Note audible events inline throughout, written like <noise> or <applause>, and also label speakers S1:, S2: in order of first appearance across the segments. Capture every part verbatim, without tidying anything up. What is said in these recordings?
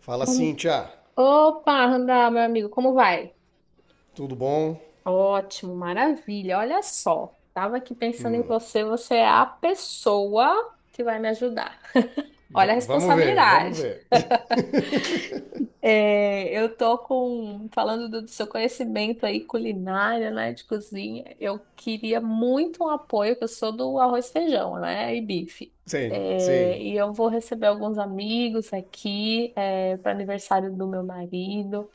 S1: Fala, Cíntia.
S2: Opa, Randá, meu amigo, como vai?
S1: Tudo bom?
S2: Ótimo, maravilha. Olha só, tava aqui pensando em você você é a pessoa que vai me ajudar. Olha
S1: V-
S2: a
S1: vamos ver, vamos
S2: responsabilidade.
S1: ver. <laughs>
S2: É, eu tô com, falando do, do seu conhecimento aí culinária, né, de cozinha, eu queria muito um apoio, que eu sou do arroz e feijão, né, e bife.
S1: Sim,
S2: É,
S1: sim.
S2: e eu vou receber alguns amigos aqui, para aniversário do meu marido,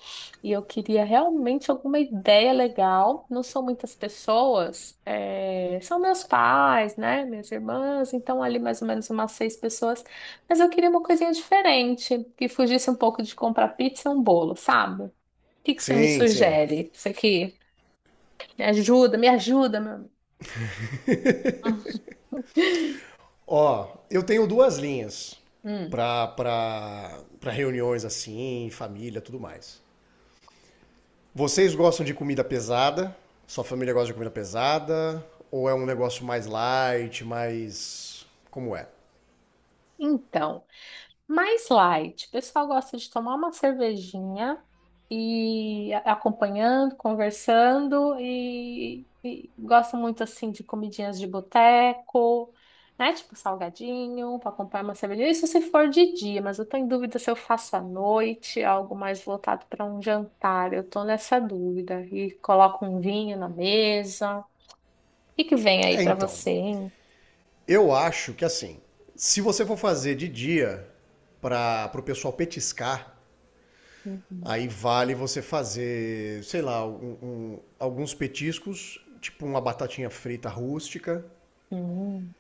S2: e eu queria realmente alguma ideia legal. Não são muitas pessoas, é, são meus pais, né, minhas irmãs, então ali mais ou menos umas seis pessoas. Mas eu queria uma coisinha diferente, que fugisse um pouco de comprar pizza e um bolo, sabe? O que que você me
S1: Sim, sim.
S2: sugere? Isso aqui me ajuda, me ajuda, meu amigo. <laughs>
S1: Ó, eu tenho duas linhas
S2: Hum.
S1: para para para reuniões assim, família, tudo mais. Vocês gostam de comida pesada? Sua família gosta de comida pesada? Ou é um negócio mais light, mais como é?
S2: Então. Mais light. O pessoal gosta de tomar uma cervejinha e a- acompanhando, conversando e, e gosta muito assim de comidinhas de boteco, né? Tipo salgadinho, para acompanhar uma cervejinha. Isso se for de dia, mas eu tô em dúvida se eu faço à noite, algo mais voltado para um jantar. Eu tô nessa dúvida. E coloco um vinho na mesa. O que que vem aí
S1: É,
S2: para
S1: então,
S2: você, hein?
S1: eu acho que assim, se você for fazer de dia para o pessoal petiscar,
S2: Uhum.
S1: aí vale você fazer, sei lá, um- um- alguns petiscos, tipo uma batatinha frita rústica,
S2: Hum,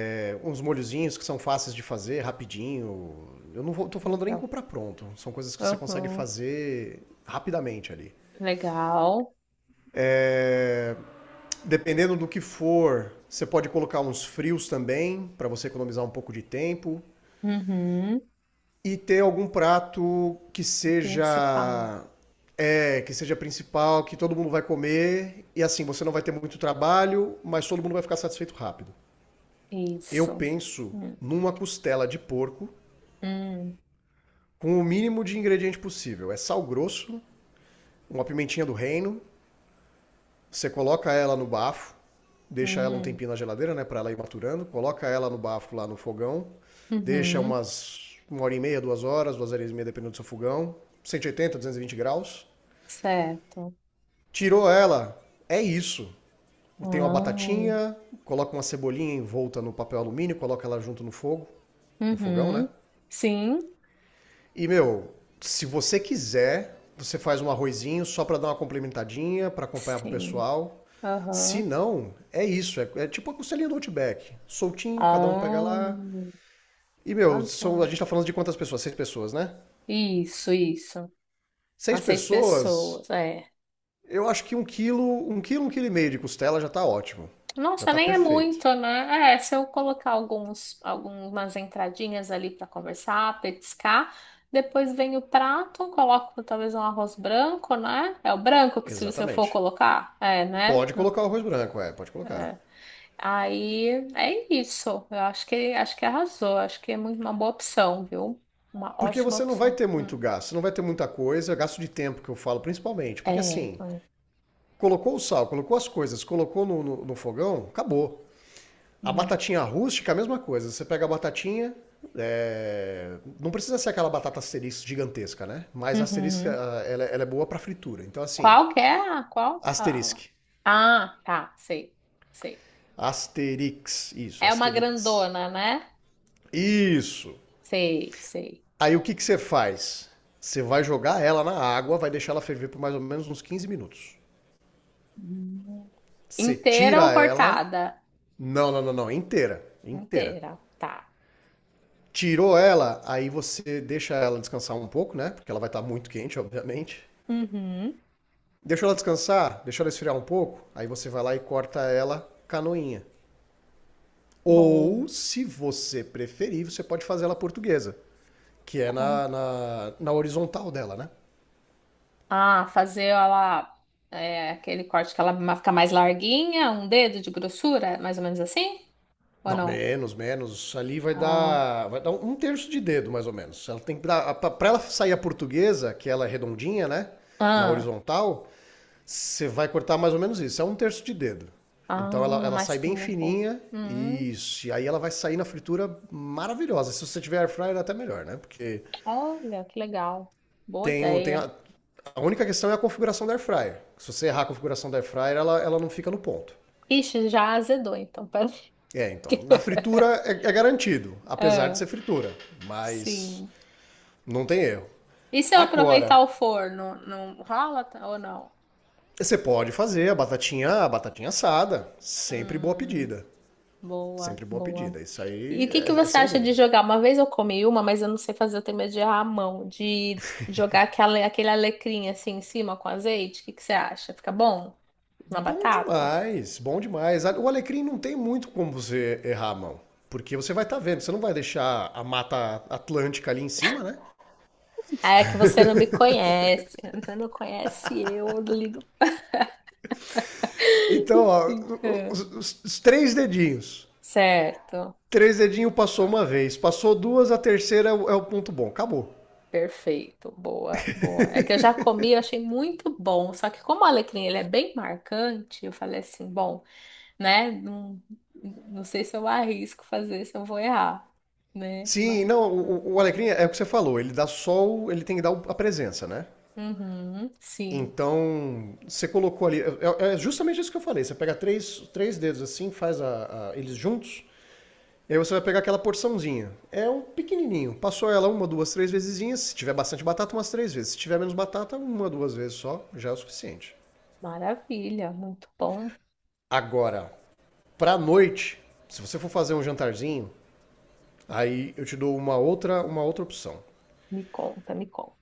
S1: é, uns molhozinhos que são fáceis de fazer, rapidinho. Eu não vou, tô falando nem
S2: legal.
S1: comprar pronto, são coisas que você consegue
S2: Uhum.
S1: fazer rapidamente ali.
S2: Legal.
S1: É, dependendo do que for, você pode colocar uns frios também, para você economizar um pouco de tempo.
S2: Uhum.
S1: E ter algum prato que
S2: Principal.
S1: seja é, que seja principal, que todo mundo vai comer e assim, você não vai ter muito trabalho, mas todo mundo vai ficar satisfeito rápido. Eu
S2: Isso.
S1: penso
S2: Hum,
S1: numa costela de porco
S2: hum,
S1: com o mínimo de ingrediente possível. É sal grosso, uma pimentinha do reino, você coloca ela no bafo, deixa ela um
S2: hum,
S1: tempinho na geladeira, né, para ela ir maturando, coloca ela no bafo lá no fogão, deixa
S2: uhum.
S1: umas uma hora e meia, duas horas, duas horas e meia, dependendo do seu fogão, cento e oitenta duzentos e vinte graus.
S2: Certo.
S1: Tirou ela, é isso. Tem uma
S2: Ah,
S1: batatinha, coloca uma cebolinha envolta no papel alumínio, coloca ela junto no fogo, no fogão, né?
S2: uhum. Sim,
S1: E, meu, se você quiser, você faz um arrozinho só pra dar uma complementadinha, pra acompanhar pro
S2: sim.
S1: pessoal. Se
S2: Aham.
S1: não, é isso. É, é tipo a costelinha do Outback. Soltinho, cada um pega
S2: Ah,
S1: lá. E, meu, são, a
S2: arrasou.
S1: gente tá falando de quantas pessoas? Seis pessoas, né?
S2: Isso, isso.
S1: Seis
S2: As seis pessoas,
S1: pessoas,
S2: é.
S1: eu acho que um quilo, um quilo, um quilo e meio de costela já tá ótimo. Já
S2: Nossa,
S1: tá
S2: nem é
S1: perfeito.
S2: muito, né? É, se eu colocar alguns, algumas entradinhas ali para conversar, petiscar, depois vem o prato, coloco talvez um arroz branco, né? É o branco que se você for
S1: Exatamente.
S2: colocar, é, né?
S1: Pode colocar o arroz branco, é, pode colocar.
S2: É. Aí é isso. Eu acho que acho que arrasou. Acho que é muito uma boa opção, viu? Uma
S1: Porque
S2: ótima
S1: você não vai
S2: opção.
S1: ter
S2: Hum.
S1: muito gasto, não vai ter muita coisa, gasto de tempo que eu falo, principalmente. Porque
S2: É.
S1: assim,
S2: Foi.
S1: colocou o sal, colocou as coisas, colocou no, no- no fogão, acabou. A
S2: Uhum.
S1: batatinha rústica, a mesma coisa. Você pega a batatinha, é, não precisa ser aquela batata asterisco gigantesca, né? Mas a asterisca,
S2: Uhum.
S1: ah, ela, ela é boa para fritura. Então assim,
S2: Qual que é? a- Qual? a-
S1: asterisque.
S2: Ah, tá, sei, sei.
S1: Asterix, isso,
S2: É uma
S1: asterix.
S2: grandona, né?
S1: Isso.
S2: Sei, sei.
S1: Aí o que, que você faz? Você vai jogar ela na água, vai deixar ela ferver por mais ou menos uns quinze minutos.
S2: Hum.
S1: Você
S2: Inteira ou
S1: tira ela.
S2: cortada?
S1: Não, não, não, não. Inteira. Inteira.
S2: Inteira, tá.
S1: Tirou ela, aí você deixa ela descansar um pouco, né? Porque ela vai estar muito quente, obviamente.
S2: Uhum.
S1: Deixa ela descansar, deixa ela esfriar um pouco. Aí você vai lá e corta ela canoinha. Ou,
S2: Bom.
S1: se você preferir, você pode fazer ela portuguesa, que é
S2: Como-
S1: na, na, na horizontal dela, né?
S2: Ah, fazer ela é, aquele corte que ela ma- fica mais larguinha, um dedo de grossura, mais ou menos assim? Ou
S1: Não,
S2: não?
S1: menos, menos. Ali vai
S2: Ah,
S1: dar, vai dar um um terço de dedo, mais ou menos. Ela tem que dar, para ela sair a portuguesa, que ela é redondinha, né? Na
S2: ah,
S1: horizontal, você vai cortar mais ou menos isso. É um terço de dedo. Então ela,
S2: ah,
S1: ela
S2: mais
S1: sai bem
S2: fina um pouco.
S1: fininha.
S2: Hum,
S1: Isso. E aí ela vai sair na fritura maravilhosa. Se você tiver air fryer, é até melhor, né? Porque
S2: olha, que legal. Boa
S1: tem, o- tem
S2: ideia.
S1: a, a única questão é a configuração da air fryer. Se você errar a configuração da air fryer, ela, ela não fica no ponto.
S2: Ixi, já azedou, então. Pera aí.
S1: É, então. Na
S2: <laughs>
S1: fritura é, é garantido, apesar de
S2: Ah,
S1: ser fritura. Mas
S2: sim.
S1: não tem erro.
S2: E se eu aproveitar
S1: Agora,
S2: o forno, não rola t- ou não?
S1: você pode fazer a batatinha, a batatinha assada. Sempre boa
S2: Hum,
S1: pedida.
S2: boa,
S1: Sempre boa
S2: boa.
S1: pedida. Isso
S2: E
S1: aí
S2: o que que
S1: é, é
S2: você
S1: sem
S2: acha de
S1: dúvida.
S2: jogar? Uma vez eu comi uma, mas eu não sei fazer, eu tenho medo de errar a mão, de jogar aquela, aquele alecrim assim em cima com azeite. O que que você acha? Fica bom na
S1: Bom
S2: batata?
S1: demais, bom demais. O alecrim não tem muito como você errar a mão. Porque você vai estar vendo, você não vai deixar a mata atlântica ali em cima, né?
S2: Ah, é que você não me conhece, <laughs> você não conhece eu, eu não ligo.
S1: Então, ó,
S2: Assim. É.
S1: os, os- os três dedinhos.
S2: Certo,
S1: Três dedinhos passou uma vez, passou duas, a terceira é o, é o ponto bom. Acabou.
S2: perfeito, boa, boa. É que eu já comi, eu achei muito bom, só que como o alecrim ele é bem marcante, eu falei assim, bom. Né? Não, não sei se eu arrisco fazer, se eu vou errar, né?
S1: Sim,
S2: Mas.
S1: não, o, o Alecrim é o que você falou, ele dá só o, ele tem que dar o- a presença, né?
S2: Uhum, sim,
S1: Então, você colocou ali, é, é é justamente isso que eu falei, você pega três, três dedos assim, faz a- a- eles juntos, e aí você vai pegar aquela porçãozinha. É um pequenininho, passou ela uma, duas, três vezesinhas, se tiver bastante batata, umas três vezes, se tiver menos batata, uma, duas vezes só, já é o suficiente.
S2: maravilha, muito bom.
S1: Agora, pra noite, se você for fazer um jantarzinho, aí eu te dou uma outra, uma outra opção.
S2: Me conta, me conta.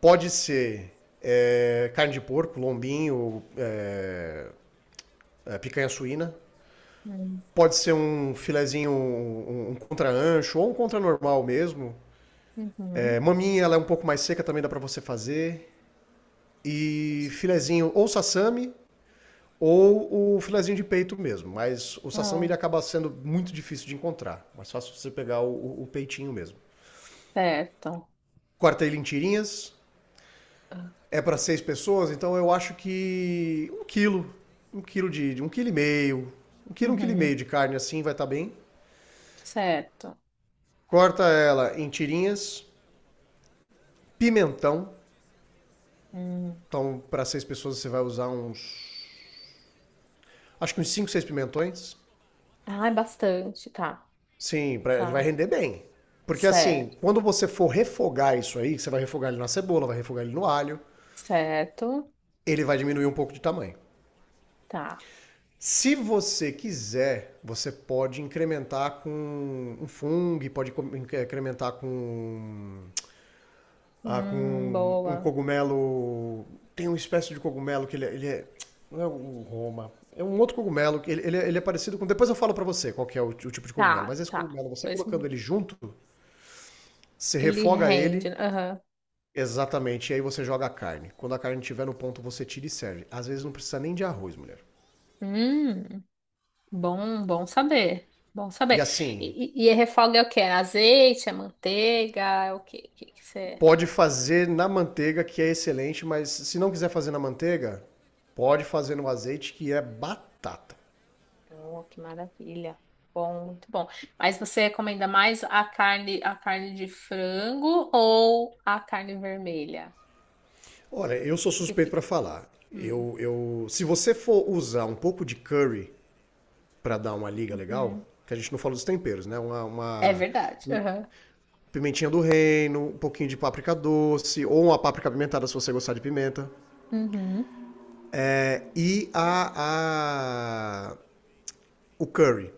S1: Pode ser é, carne de porco, lombinho, é, é, picanha suína.
S2: Hum.
S1: Pode ser um filezinho, um, um contra-ancho ou um contra-normal mesmo.
S2: Uhum.
S1: É, maminha, ela é um pouco mais seca, também dá para você fazer. E filezinho ou sassami ou o filezinho de peito mesmo. Mas o sassami ele
S2: Ah,
S1: acaba sendo muito difícil de encontrar. Mais fácil você pegar o, o peitinho mesmo.
S2: certo.
S1: Corta ele em tirinhas,
S2: Ah.
S1: é para seis pessoas, então eu acho que um quilo, um quilo de, de um quilo e meio, um quilo, um quilo e meio
S2: Uhum,
S1: de carne assim vai estar bem.
S2: certo.
S1: Corta ela em tirinhas, pimentão.
S2: Hum.
S1: Então, para seis pessoas você vai usar uns, acho que uns cinco, seis pimentões.
S2: Ah, é bastante, tá,
S1: Sim, pra, vai
S2: tá.
S1: render bem. Porque
S2: Certo,
S1: assim, quando você for refogar isso aí, você vai refogar ele na cebola, vai refogar ele no alho,
S2: certo,
S1: ele vai diminuir um pouco de tamanho.
S2: tá.
S1: Se você quiser, você pode incrementar com um fungo, pode incrementar com, ah,
S2: Hum,
S1: com um
S2: boa.
S1: cogumelo. Tem uma espécie de cogumelo que ele, é- ele é. Não é o Roma. É um outro cogumelo que ele, ele é, ele é parecido com. Depois eu falo pra você qual que é o, t- o tipo de cogumelo.
S2: Tá,
S1: Mas esse
S2: tá.
S1: cogumelo, você
S2: Pois
S1: colocando ele junto, você
S2: ele
S1: refoga
S2: rende.
S1: ele
S2: Aham.
S1: exatamente. E aí você joga a carne. Quando a carne estiver no ponto, você tira e serve. Às vezes não precisa nem de arroz, mulher.
S2: Hum. Bom, bom saber. Bom
S1: E
S2: saber.
S1: assim,
S2: E, e, e a refoga é o quê? É azeite, é manteiga, é o quê? que que você...
S1: pode fazer na manteiga, que é excelente, mas se não quiser fazer na manteiga, pode fazer no azeite, que é batata.
S2: Oh, que maravilha. Bom, muito bom. Mas você recomenda mais a carne, a carne de frango ou a carne vermelha?
S1: Olha, eu
S2: O
S1: sou
S2: que que
S1: suspeito
S2: fica?
S1: para falar.
S2: Hum,
S1: Eu, eu, se você for usar um pouco de curry para dar uma liga legal,
S2: uhum.
S1: que a gente não fala dos temperos, né? Uma,
S2: É
S1: uma
S2: verdade. Uhum.
S1: pimentinha do reino, um pouquinho de páprica doce, ou uma páprica pimentada se você gostar de pimenta.
S2: Uhum.
S1: É, e a, a o curry.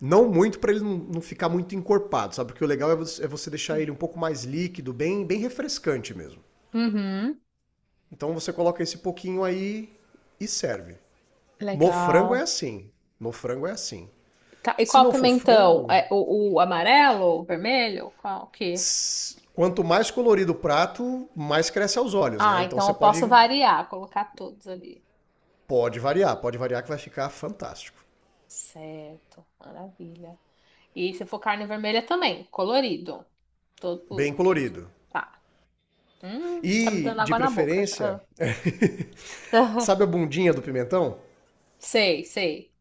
S1: Não muito para ele não, não ficar muito encorpado, sabe? Porque o legal é você, é você deixar ele
S2: Sim.
S1: um pouco mais líquido, bem, bem refrescante mesmo.
S2: Uhum.
S1: Então você coloca esse pouquinho aí e serve. No frango é
S2: Legal.
S1: assim. No frango é assim.
S2: Tá, e
S1: Se
S2: qual
S1: não for
S2: pimentão?
S1: frango,
S2: É o, o amarelo, o vermelho? Qual que?
S1: s- quanto mais colorido o prato, mais cresce aos olhos, né?
S2: Ah,
S1: Então
S2: então
S1: você
S2: eu posso
S1: pode,
S2: variar, colocar todos ali.
S1: pode variar, pode variar que vai ficar fantástico.
S2: Certo, maravilha. E se for carne vermelha também, colorido. Todo,
S1: Bem
S2: todo.
S1: colorido.
S2: Tá. Hum, tá me
S1: E,
S2: dando
S1: de
S2: água na boca já.
S1: preferência,
S2: Ah.
S1: sabe a
S2: <laughs>
S1: bundinha do pimentão?
S2: Sei, sei.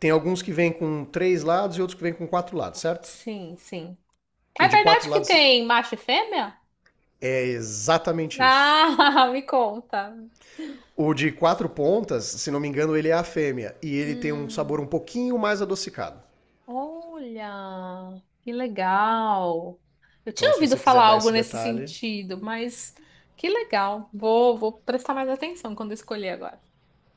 S1: Tem alguns que vêm com três lados e outros que vêm com quatro lados, certo?
S2: Sim, sim. É
S1: O de quatro
S2: verdade que
S1: lados
S2: tem macho e fêmea?
S1: é exatamente isso.
S2: Ah, <laughs> me conta.
S1: O de quatro pontas, se não me engano, ele é a fêmea e ele tem um sabor
S2: Hum,
S1: um pouquinho mais adocicado.
S2: olha, que legal. Eu tinha
S1: Então, se
S2: ouvido
S1: você quiser
S2: falar
S1: dar
S2: algo
S1: esse
S2: nesse
S1: detalhe,
S2: sentido, mas que legal. Vou, vou prestar mais atenção quando escolher agora.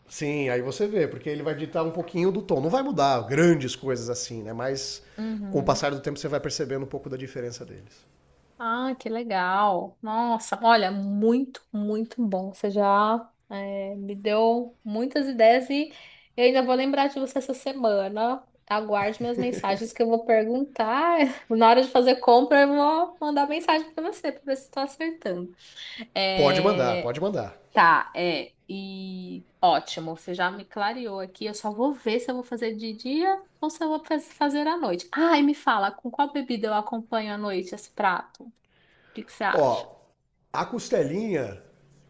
S1: sim, aí você vê, porque ele vai ditar um pouquinho do tom. Não vai mudar grandes coisas assim, né? Mas com o
S2: Uhum.
S1: passar do tempo você vai percebendo um pouco da diferença deles.
S2: Ah, que legal. Nossa, olha, muito, muito bom. Você já eh, me deu muitas ideias e eu ainda vou lembrar de você essa semana. Aguarde minhas mensagens que eu vou perguntar. <laughs> Na hora de fazer compra, eu vou mandar mensagem para você para ver se estou acertando.
S1: Pode mandar,
S2: É,
S1: pode mandar.
S2: tá, é. E ótimo, você já me clareou aqui. Eu só vou ver se eu vou fazer de dia ou se eu vou faz- fazer à noite. Ah, e me fala, com qual bebida eu acompanho à noite esse prato? que que você acha?
S1: Ó, a costelinha,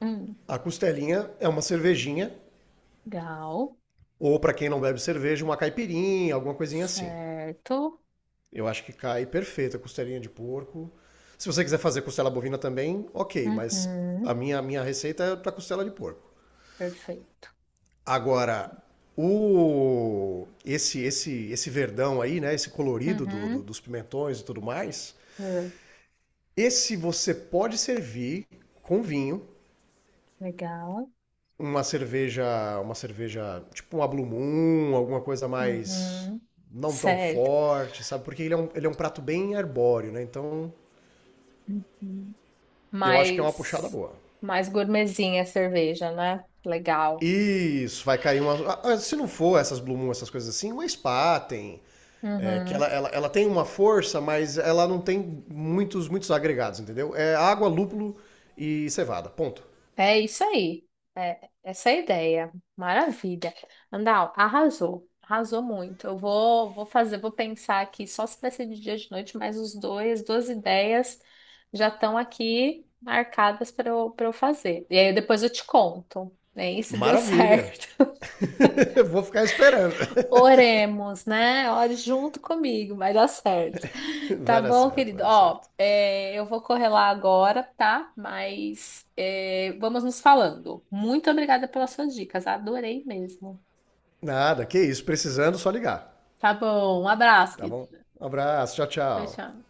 S2: Hum,
S1: a costelinha é uma cervejinha.
S2: legal.
S1: Ou para quem não bebe cerveja, uma caipirinha, alguma coisinha assim.
S2: Certo.
S1: Eu acho que cai perfeito a costelinha de porco. Se você quiser fazer costela bovina também, ok, mas a
S2: Uhum,
S1: minha, a minha receita é para costela de porco.
S2: perfeito.
S1: Agora, o esse esse esse verdão aí, né, esse colorido do- do-
S2: Uhum,
S1: dos pimentões e tudo mais,
S2: ah,
S1: esse você pode servir com vinho,
S2: legal.
S1: uma cerveja, uma cerveja, tipo uma Blue Moon, alguma coisa mais
S2: Uhum,
S1: não tão
S2: certo.
S1: forte, sabe? Porque ele é um, ele é um prato bem arbóreo, né? Então,
S2: Uhum.
S1: eu acho que é uma puxada
S2: Mais,
S1: boa.
S2: mais gourmetzinha a cerveja, né? Legal.
S1: Isso, vai cair uma. ah, ah, Se não for essas Blue Moon, essas coisas assim, uma Spaten. É, que
S2: Uhum.
S1: ela, ela, ela tem uma força, mas ela não tem muitos, muitos agregados, entendeu? É água, lúpulo e cevada. Ponto.
S2: É isso aí. É essa é a ideia. Maravilha. Andal, arrasou. Arrasou muito. Eu vou, vou fazer, vou pensar aqui só se vai ser de dia ou de noite, mas os dois, duas ideias já estão aqui marcadas para eu, para eu fazer. E aí depois eu te conto, né? E se deu
S1: Maravilha!
S2: certo.
S1: <laughs> Vou ficar esperando.
S2: <laughs> Oremos, né? Ore junto comigo, vai dar certo.
S1: <laughs>
S2: Tá
S1: Vai dar
S2: bom,
S1: certo,
S2: querido.
S1: vai dar
S2: Ó,
S1: certo.
S2: é, eu vou correr lá agora, tá? Mas é, vamos nos falando. Muito obrigada pelas suas dicas, adorei mesmo.
S1: Nada, que isso. Precisando, só ligar.
S2: Tá bom, um abraço,
S1: Tá
S2: querido.
S1: bom? Um abraço, tchau,
S2: Tchau,
S1: tchau.
S2: tchau.